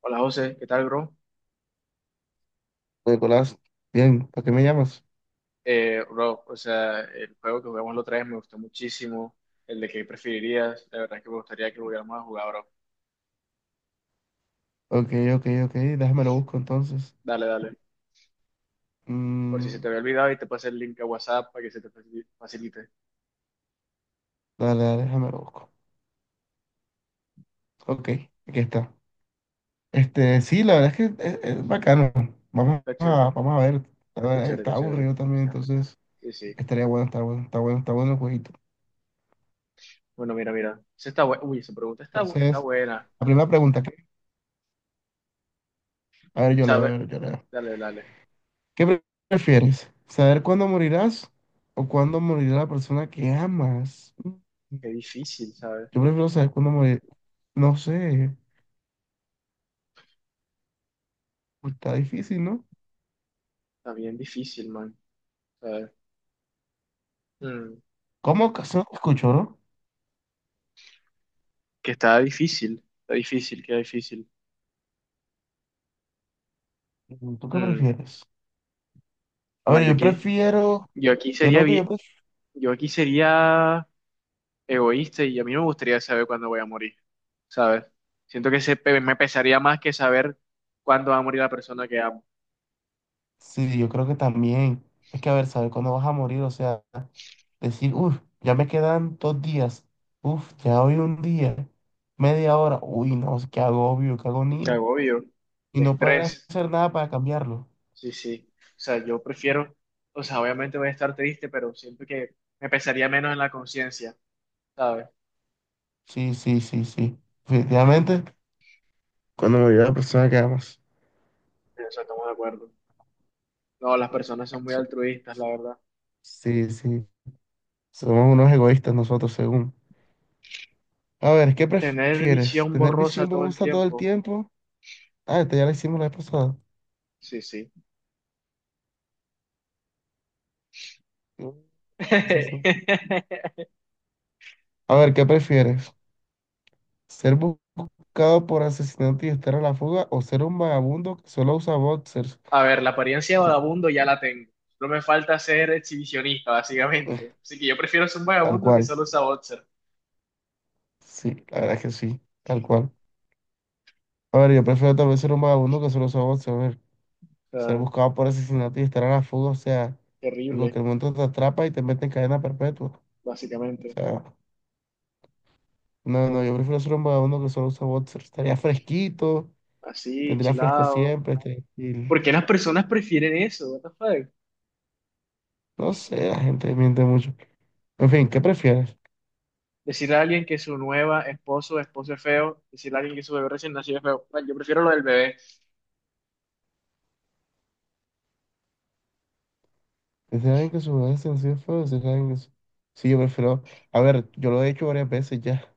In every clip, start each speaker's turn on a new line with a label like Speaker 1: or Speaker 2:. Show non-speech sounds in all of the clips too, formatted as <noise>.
Speaker 1: Hola José, ¿qué tal, bro?
Speaker 2: Pues, Nicolás, bien, ¿para qué me llamas?
Speaker 1: Bro, o sea, el juego que jugamos la otra vez me gustó muchísimo. El de qué preferirías, la verdad es que me gustaría que volviéramos a jugar, bro.
Speaker 2: Ok, ok, ok, déjame lo busco entonces.
Speaker 1: Dale, dale. Por si
Speaker 2: Mm,
Speaker 1: se te había olvidado y te pasé el link a WhatsApp para que se te facilite.
Speaker 2: dale, dale, déjame lo busco. Ok, aquí está. Este, sí, la verdad es que es bacano. Vamos
Speaker 1: Está
Speaker 2: a,
Speaker 1: chévere,
Speaker 2: vamos a ver. La
Speaker 1: está
Speaker 2: verdad,
Speaker 1: chévere,
Speaker 2: está
Speaker 1: está chévere.
Speaker 2: aburrido también, entonces
Speaker 1: Sí, sí.
Speaker 2: estaría bueno, está bueno, está bueno, está bueno el jueguito.
Speaker 1: Bueno, mira, mira. Uy, esa pregunta está
Speaker 2: Entonces,
Speaker 1: buena.
Speaker 2: la primera pregunta que... A ver, yo leo,
Speaker 1: ¿Sabes?
Speaker 2: yo leo.
Speaker 1: Dale, dale.
Speaker 2: ¿Qué prefieres? ¿Saber cuándo morirás o cuándo morirá la persona que amas?
Speaker 1: Qué difícil, ¿sabes?
Speaker 2: Yo prefiero saber cuándo morir. No sé. Uy, está difícil, ¿no?
Speaker 1: Está bien difícil, man. ¿Sabes? Mm,
Speaker 2: ¿Cómo ocasión escucho, no?
Speaker 1: que está difícil, queda difícil.
Speaker 2: ¿Tú qué
Speaker 1: Mm,
Speaker 2: prefieres? A
Speaker 1: man,
Speaker 2: ver, yo prefiero.
Speaker 1: yo aquí
Speaker 2: Yo
Speaker 1: sería
Speaker 2: creo que yo
Speaker 1: bien.
Speaker 2: prefiero.
Speaker 1: Yo aquí sería egoísta y a mí no me gustaría saber cuándo voy a morir, ¿sabes? Siento que me pesaría más que saber cuándo va a morir la persona que amo.
Speaker 2: Sí, yo creo que también. Es que, a ver, saber cuándo vas a morir, o sea, decir, ya me quedan 2 días. Ya hoy un día. Media hora. Uy, no, qué agobio, qué
Speaker 1: Qué
Speaker 2: agonía.
Speaker 1: agobio,
Speaker 2: Y
Speaker 1: qué
Speaker 2: no poder
Speaker 1: estrés.
Speaker 2: hacer nada para cambiarlo.
Speaker 1: Sí, sí. O sea, yo prefiero, o sea, obviamente voy a estar triste, pero siento que me pesaría menos en la conciencia, ¿sabes?
Speaker 2: Sí, sí, sí, sí. Definitivamente, cuando me la persona que amas.
Speaker 1: En eso estamos de acuerdo. No, las personas son muy altruistas, la verdad.
Speaker 2: Sí, sí. Somos unos egoístas nosotros, según. A ver, ¿qué
Speaker 1: Tener
Speaker 2: prefieres?
Speaker 1: visión
Speaker 2: ¿Tener
Speaker 1: borrosa
Speaker 2: visión
Speaker 1: todo el
Speaker 2: borrosa todo el
Speaker 1: tiempo.
Speaker 2: tiempo? Ah, esta ya la hicimos la vez pasada.
Speaker 1: Sí, sí.
Speaker 2: Mm, eso es un-
Speaker 1: <laughs>
Speaker 2: A ver, ¿qué prefieres? ¿Ser buscado por asesinato y estar a la fuga o ser un vagabundo que solo usa boxers?
Speaker 1: A ver, la apariencia de vagabundo ya la tengo. Solo me falta ser exhibicionista,
Speaker 2: Eh,
Speaker 1: básicamente. Así que yo prefiero ser un
Speaker 2: Tal
Speaker 1: vagabundo que
Speaker 2: cual.
Speaker 1: solo usa boxer.
Speaker 2: Sí, la verdad es que sí, tal cual. A ver, yo prefiero también ser un vagabundo que solo usa boxers. A ver,
Speaker 1: O
Speaker 2: ser
Speaker 1: sea,
Speaker 2: buscado por asesinato y estar a la fuga, o sea, en
Speaker 1: terrible,
Speaker 2: cualquier momento te atrapa y te mete en cadena perpetua. O
Speaker 1: básicamente.
Speaker 2: sea, no, no, yo prefiero ser un vagabundo que solo usa boxers. Estaría fresquito.
Speaker 1: Así,
Speaker 2: Tendrá fresco
Speaker 1: chilado.
Speaker 2: siempre, tranquilo.
Speaker 1: ¿Por qué las personas prefieren eso? What the fuck?
Speaker 2: No sé, la gente miente mucho. En fin, ¿qué prefieres?
Speaker 1: Decirle a alguien que su nueva esposo o esposo es feo, decirle a alguien que su bebé recién nacido es feo. Bueno, yo prefiero lo del bebé.
Speaker 2: ¿Decir a alguien que su bebé es sencillo feo? ¿Decir a alguien que su- Sí, yo prefiero... A ver, yo lo he hecho varias veces ya.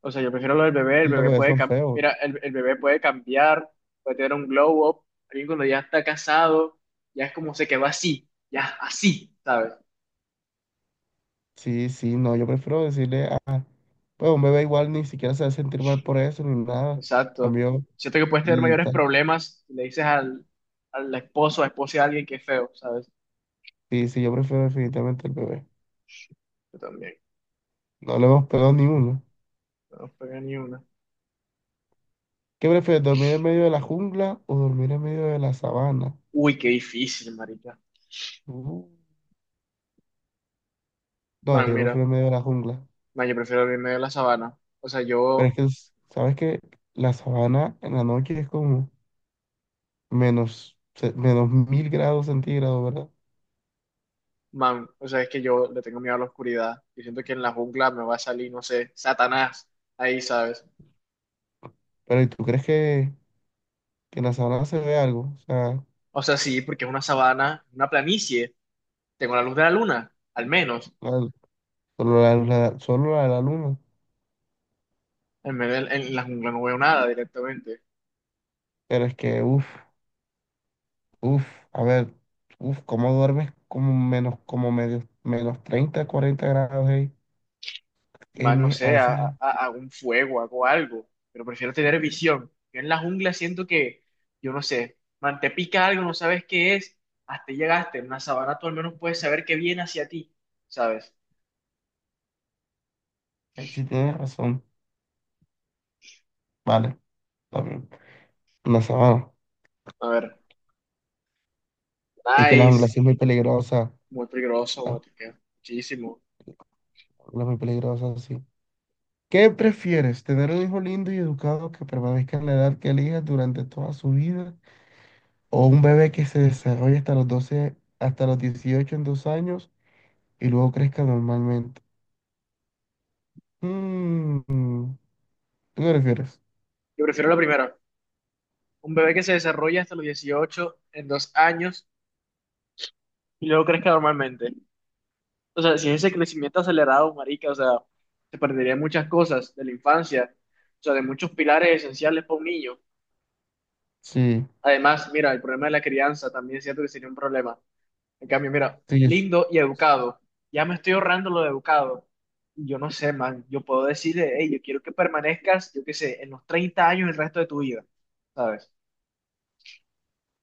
Speaker 1: O sea, yo prefiero lo del bebé. El
Speaker 2: Y los
Speaker 1: bebé
Speaker 2: bebés
Speaker 1: puede,
Speaker 2: son
Speaker 1: cam-
Speaker 2: feos.
Speaker 1: Mira, el bebé puede cambiar, puede tener un glow up. Alguien cuando ya está casado, ya es como se quedó así, ya así, ¿sabes?
Speaker 2: Sí, sí, no, yo prefiero decirle a... Pues un bebé igual ni siquiera se va a sentir mal por eso ni nada.
Speaker 1: Exacto.
Speaker 2: Cambio...
Speaker 1: Siento que puedes tener
Speaker 2: l-
Speaker 1: mayores
Speaker 2: ta-
Speaker 1: problemas si le dices al esposo a esposa de alguien que es feo, ¿sabes?
Speaker 2: Sí, sí, yo prefiero definitivamente el bebé.
Speaker 1: Yo también.
Speaker 2: No le hemos pegado ni uno.
Speaker 1: No pega ni una.
Speaker 2: ¿Qué prefieres, dormir en medio de la jungla o dormir en medio de la sabana?
Speaker 1: Uy, qué difícil, marica.
Speaker 2: Uh, No,
Speaker 1: Man,
Speaker 2: yo
Speaker 1: mira.
Speaker 2: prefiero en medio de la jungla.
Speaker 1: Man, yo prefiero el medio de la sabana. O sea,
Speaker 2: Pero es
Speaker 1: yo,
Speaker 2: que, ¿sabes que la sabana en la noche es como menos, menos mil grados centígrados, ¿verdad?
Speaker 1: man, o sea, es que yo le tengo miedo a la oscuridad. Yo siento que en la jungla me va a salir, no sé, Satanás. Ahí, ¿sabes?
Speaker 2: Pero ¿y tú crees que en la sabana se ve algo? O sea,
Speaker 1: O sea, sí, porque es una sabana, una planicie. Tengo la luz de la luna, al menos.
Speaker 2: la- solo solo la de la luna.
Speaker 1: En la jungla no veo nada directamente.
Speaker 2: Pero es que, uff, a ver, ¿cómo duermes como menos, como medio, menos 30 40 grados, hey? Ey,
Speaker 1: Más, no
Speaker 2: a
Speaker 1: sé,
Speaker 2: veces sí,
Speaker 1: hago un fuego, hago algo, pero prefiero tener visión. Yo en la jungla siento que, yo no sé, man, te pica algo, no sabes qué es, hasta ahí llegaste, en una sabana tú al menos puedes saber qué viene hacia ti, ¿sabes?
Speaker 2: sí tienes razón. Vale, también. En la sabana.
Speaker 1: A ver,
Speaker 2: Es que la jungla
Speaker 1: nice,
Speaker 2: sí es muy peligrosa.
Speaker 1: muy peligroso,
Speaker 2: La
Speaker 1: Guatica, muchísimo.
Speaker 2: jungla es muy peligrosa, sí. ¿Qué prefieres, tener un hijo lindo y educado que permanezca en la edad que elijas durante toda su vida o un bebé que se desarrolle hasta los 12, hasta los 18, en 2 años y luego crezca normalmente? Mm, ¿Tú qué prefieres?
Speaker 1: Yo prefiero la primera, un bebé que se desarrolla hasta los 18 en 2 años y luego crezca normalmente. O sea, sin ese crecimiento acelerado, marica, o sea, se perderían muchas cosas de la infancia, o sea, de muchos pilares esenciales para un niño.
Speaker 2: Sí,
Speaker 1: Además, mira, el problema de la crianza también es cierto que sería un problema. En cambio, mira,
Speaker 2: sí,
Speaker 1: lindo y educado. Ya me estoy ahorrando lo de educado. Y yo no sé, man, yo puedo decirle, hey, yo quiero que permanezcas, yo qué sé, en los 30 años el resto de tu vida, ¿sabes?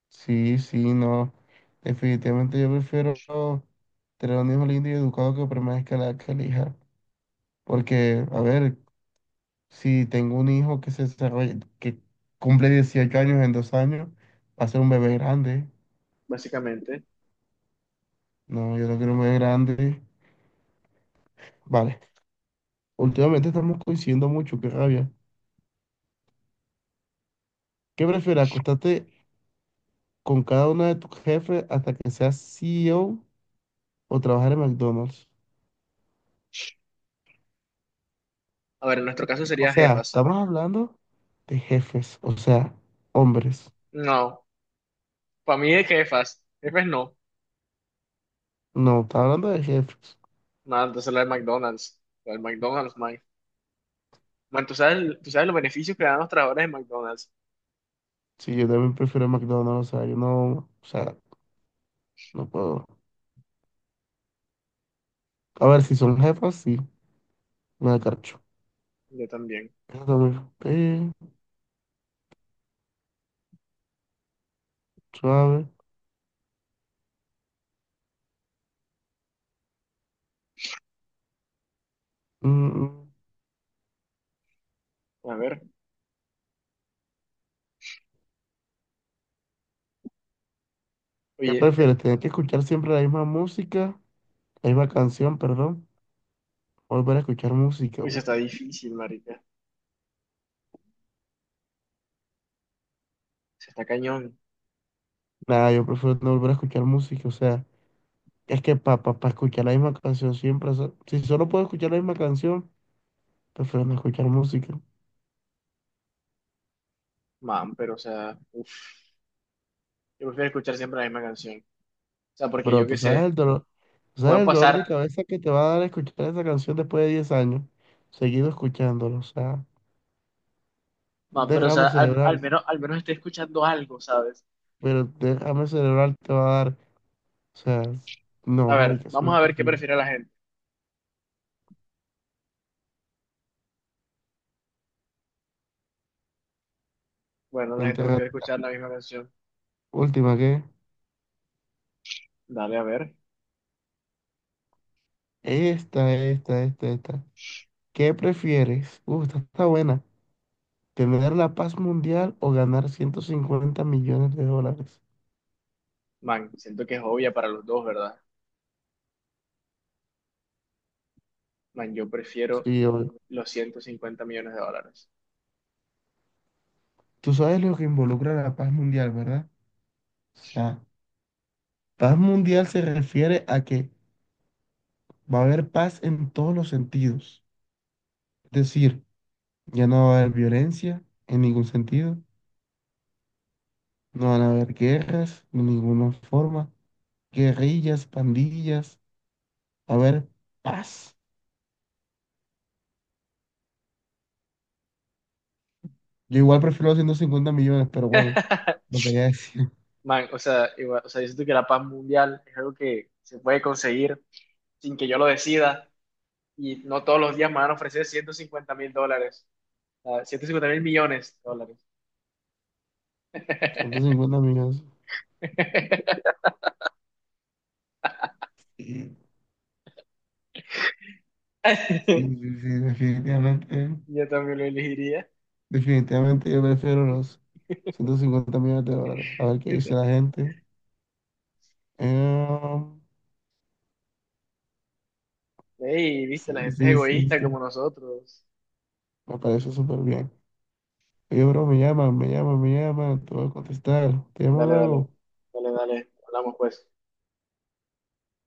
Speaker 2: sí, sí, no. Definitivamente yo prefiero tener un hijo lindo y educado que permanezca en la edad que elija. Porque, a ver, si tengo un hijo que se desarrolla, que cumple 18 años en 2 años, va a ser un bebé grande.
Speaker 1: Básicamente.
Speaker 2: No, yo no quiero un bebé grande. Vale, últimamente estamos coincidiendo mucho, qué rabia. ¿Qué prefieres, acostarte con cada uno de tus jefes hasta que seas CEO o trabajar en McDonald's?
Speaker 1: A ver, en nuestro caso
Speaker 2: O
Speaker 1: sería
Speaker 2: sea,
Speaker 1: jefas.
Speaker 2: estamos hablando de jefes, o sea, hombres.
Speaker 1: No, para mí es jefas. Jefes no.
Speaker 2: No, está hablando de jefes.
Speaker 1: Nada, entonces la de McDonald's. La de McDonald's, man. Bueno, tú sabes los beneficios que dan los trabajadores de McDonald's.
Speaker 2: Sí, yo también prefiero McDonald's, o sea, yo no, o sea, no puedo. A ver, si son jefas, sí, me da carcho.
Speaker 1: Yo también.
Speaker 2: Eso también, suave. Mm, mm.
Speaker 1: A ver,
Speaker 2: ¿Qué
Speaker 1: oye,
Speaker 2: prefieres? ¿Tener que escuchar siempre la misma música, la misma canción, perdón? Volver a escuchar música.
Speaker 1: oye, se está difícil, marica. Se está cañón,
Speaker 2: Nada, yo prefiero no volver a escuchar música. O sea, es que para escuchar la misma canción siempre, o sea, si solo puedo escuchar la misma canción, prefiero no escuchar música.
Speaker 1: man, pero o sea, uf, yo prefiero escuchar siempre la misma canción. O sea, porque
Speaker 2: Pero
Speaker 1: yo
Speaker 2: tú
Speaker 1: qué
Speaker 2: sabes
Speaker 1: sé,
Speaker 2: el dolor, tú
Speaker 1: puedo
Speaker 2: sabes el dolor
Speaker 1: pasar,
Speaker 2: de cabeza que te va a dar escuchar esa canción después de 10 años, seguido escuchándolo. O sea, un
Speaker 1: man, pero o sea,
Speaker 2: derrame cerebral,
Speaker 1: al menos estoy escuchando algo, ¿sabes?
Speaker 2: pero derrame cerebral te va a dar. O sea, no,
Speaker 1: A ver,
Speaker 2: marica, eso es
Speaker 1: vamos a ver qué
Speaker 2: imposible.
Speaker 1: prefiere la gente. Bueno, la gente
Speaker 2: Enterrar.
Speaker 1: prefiere escuchar la misma canción.
Speaker 2: Última, ¿qué?
Speaker 1: Dale, a ver.
Speaker 2: Esta, esta, esta, esta. ¿Qué prefieres? Esta está buena. ¿Tener la paz mundial o ganar $150 millones?
Speaker 1: Man, siento que es obvia para los dos, ¿verdad? Man, yo prefiero
Speaker 2: Sí, obvio.
Speaker 1: los 150 millones de dólares.
Speaker 2: Tú sabes lo que involucra la paz mundial, ¿verdad? O sea, paz mundial se refiere a que va a haber paz en todos los sentidos. Es decir, ya no va a haber violencia en ningún sentido, no van a haber guerras de ninguna forma, guerrillas, pandillas. A ver, paz. Yo igual prefiero los 150 millones, pero bueno, lo quería decir.
Speaker 1: Man, o sea, o sea, yo siento que la paz mundial es algo que se puede conseguir sin que yo lo decida y no todos los días me van a ofrecer 150 mil dólares, ah, 150 mil millones de dólares.
Speaker 2: <laughs> 150 millones.
Speaker 1: <laughs>
Speaker 2: Sí, sí, sí, sí, definitivamente.
Speaker 1: Yo también lo elegiría.
Speaker 2: Definitivamente yo prefiero los $150 millones. A ver qué
Speaker 1: Yo
Speaker 2: dice
Speaker 1: te-
Speaker 2: la gente. Eh,
Speaker 1: Ey, viste, la
Speaker 2: sí,
Speaker 1: gente es
Speaker 2: sí, sí,
Speaker 1: egoísta
Speaker 2: sí.
Speaker 1: como nosotros.
Speaker 2: Me parece súper bien. Oye, bro, me llaman, me llaman, me llaman. Te voy a contestar. Te llamo
Speaker 1: Dale, dale,
Speaker 2: luego.
Speaker 1: dale, dale, hablamos pues.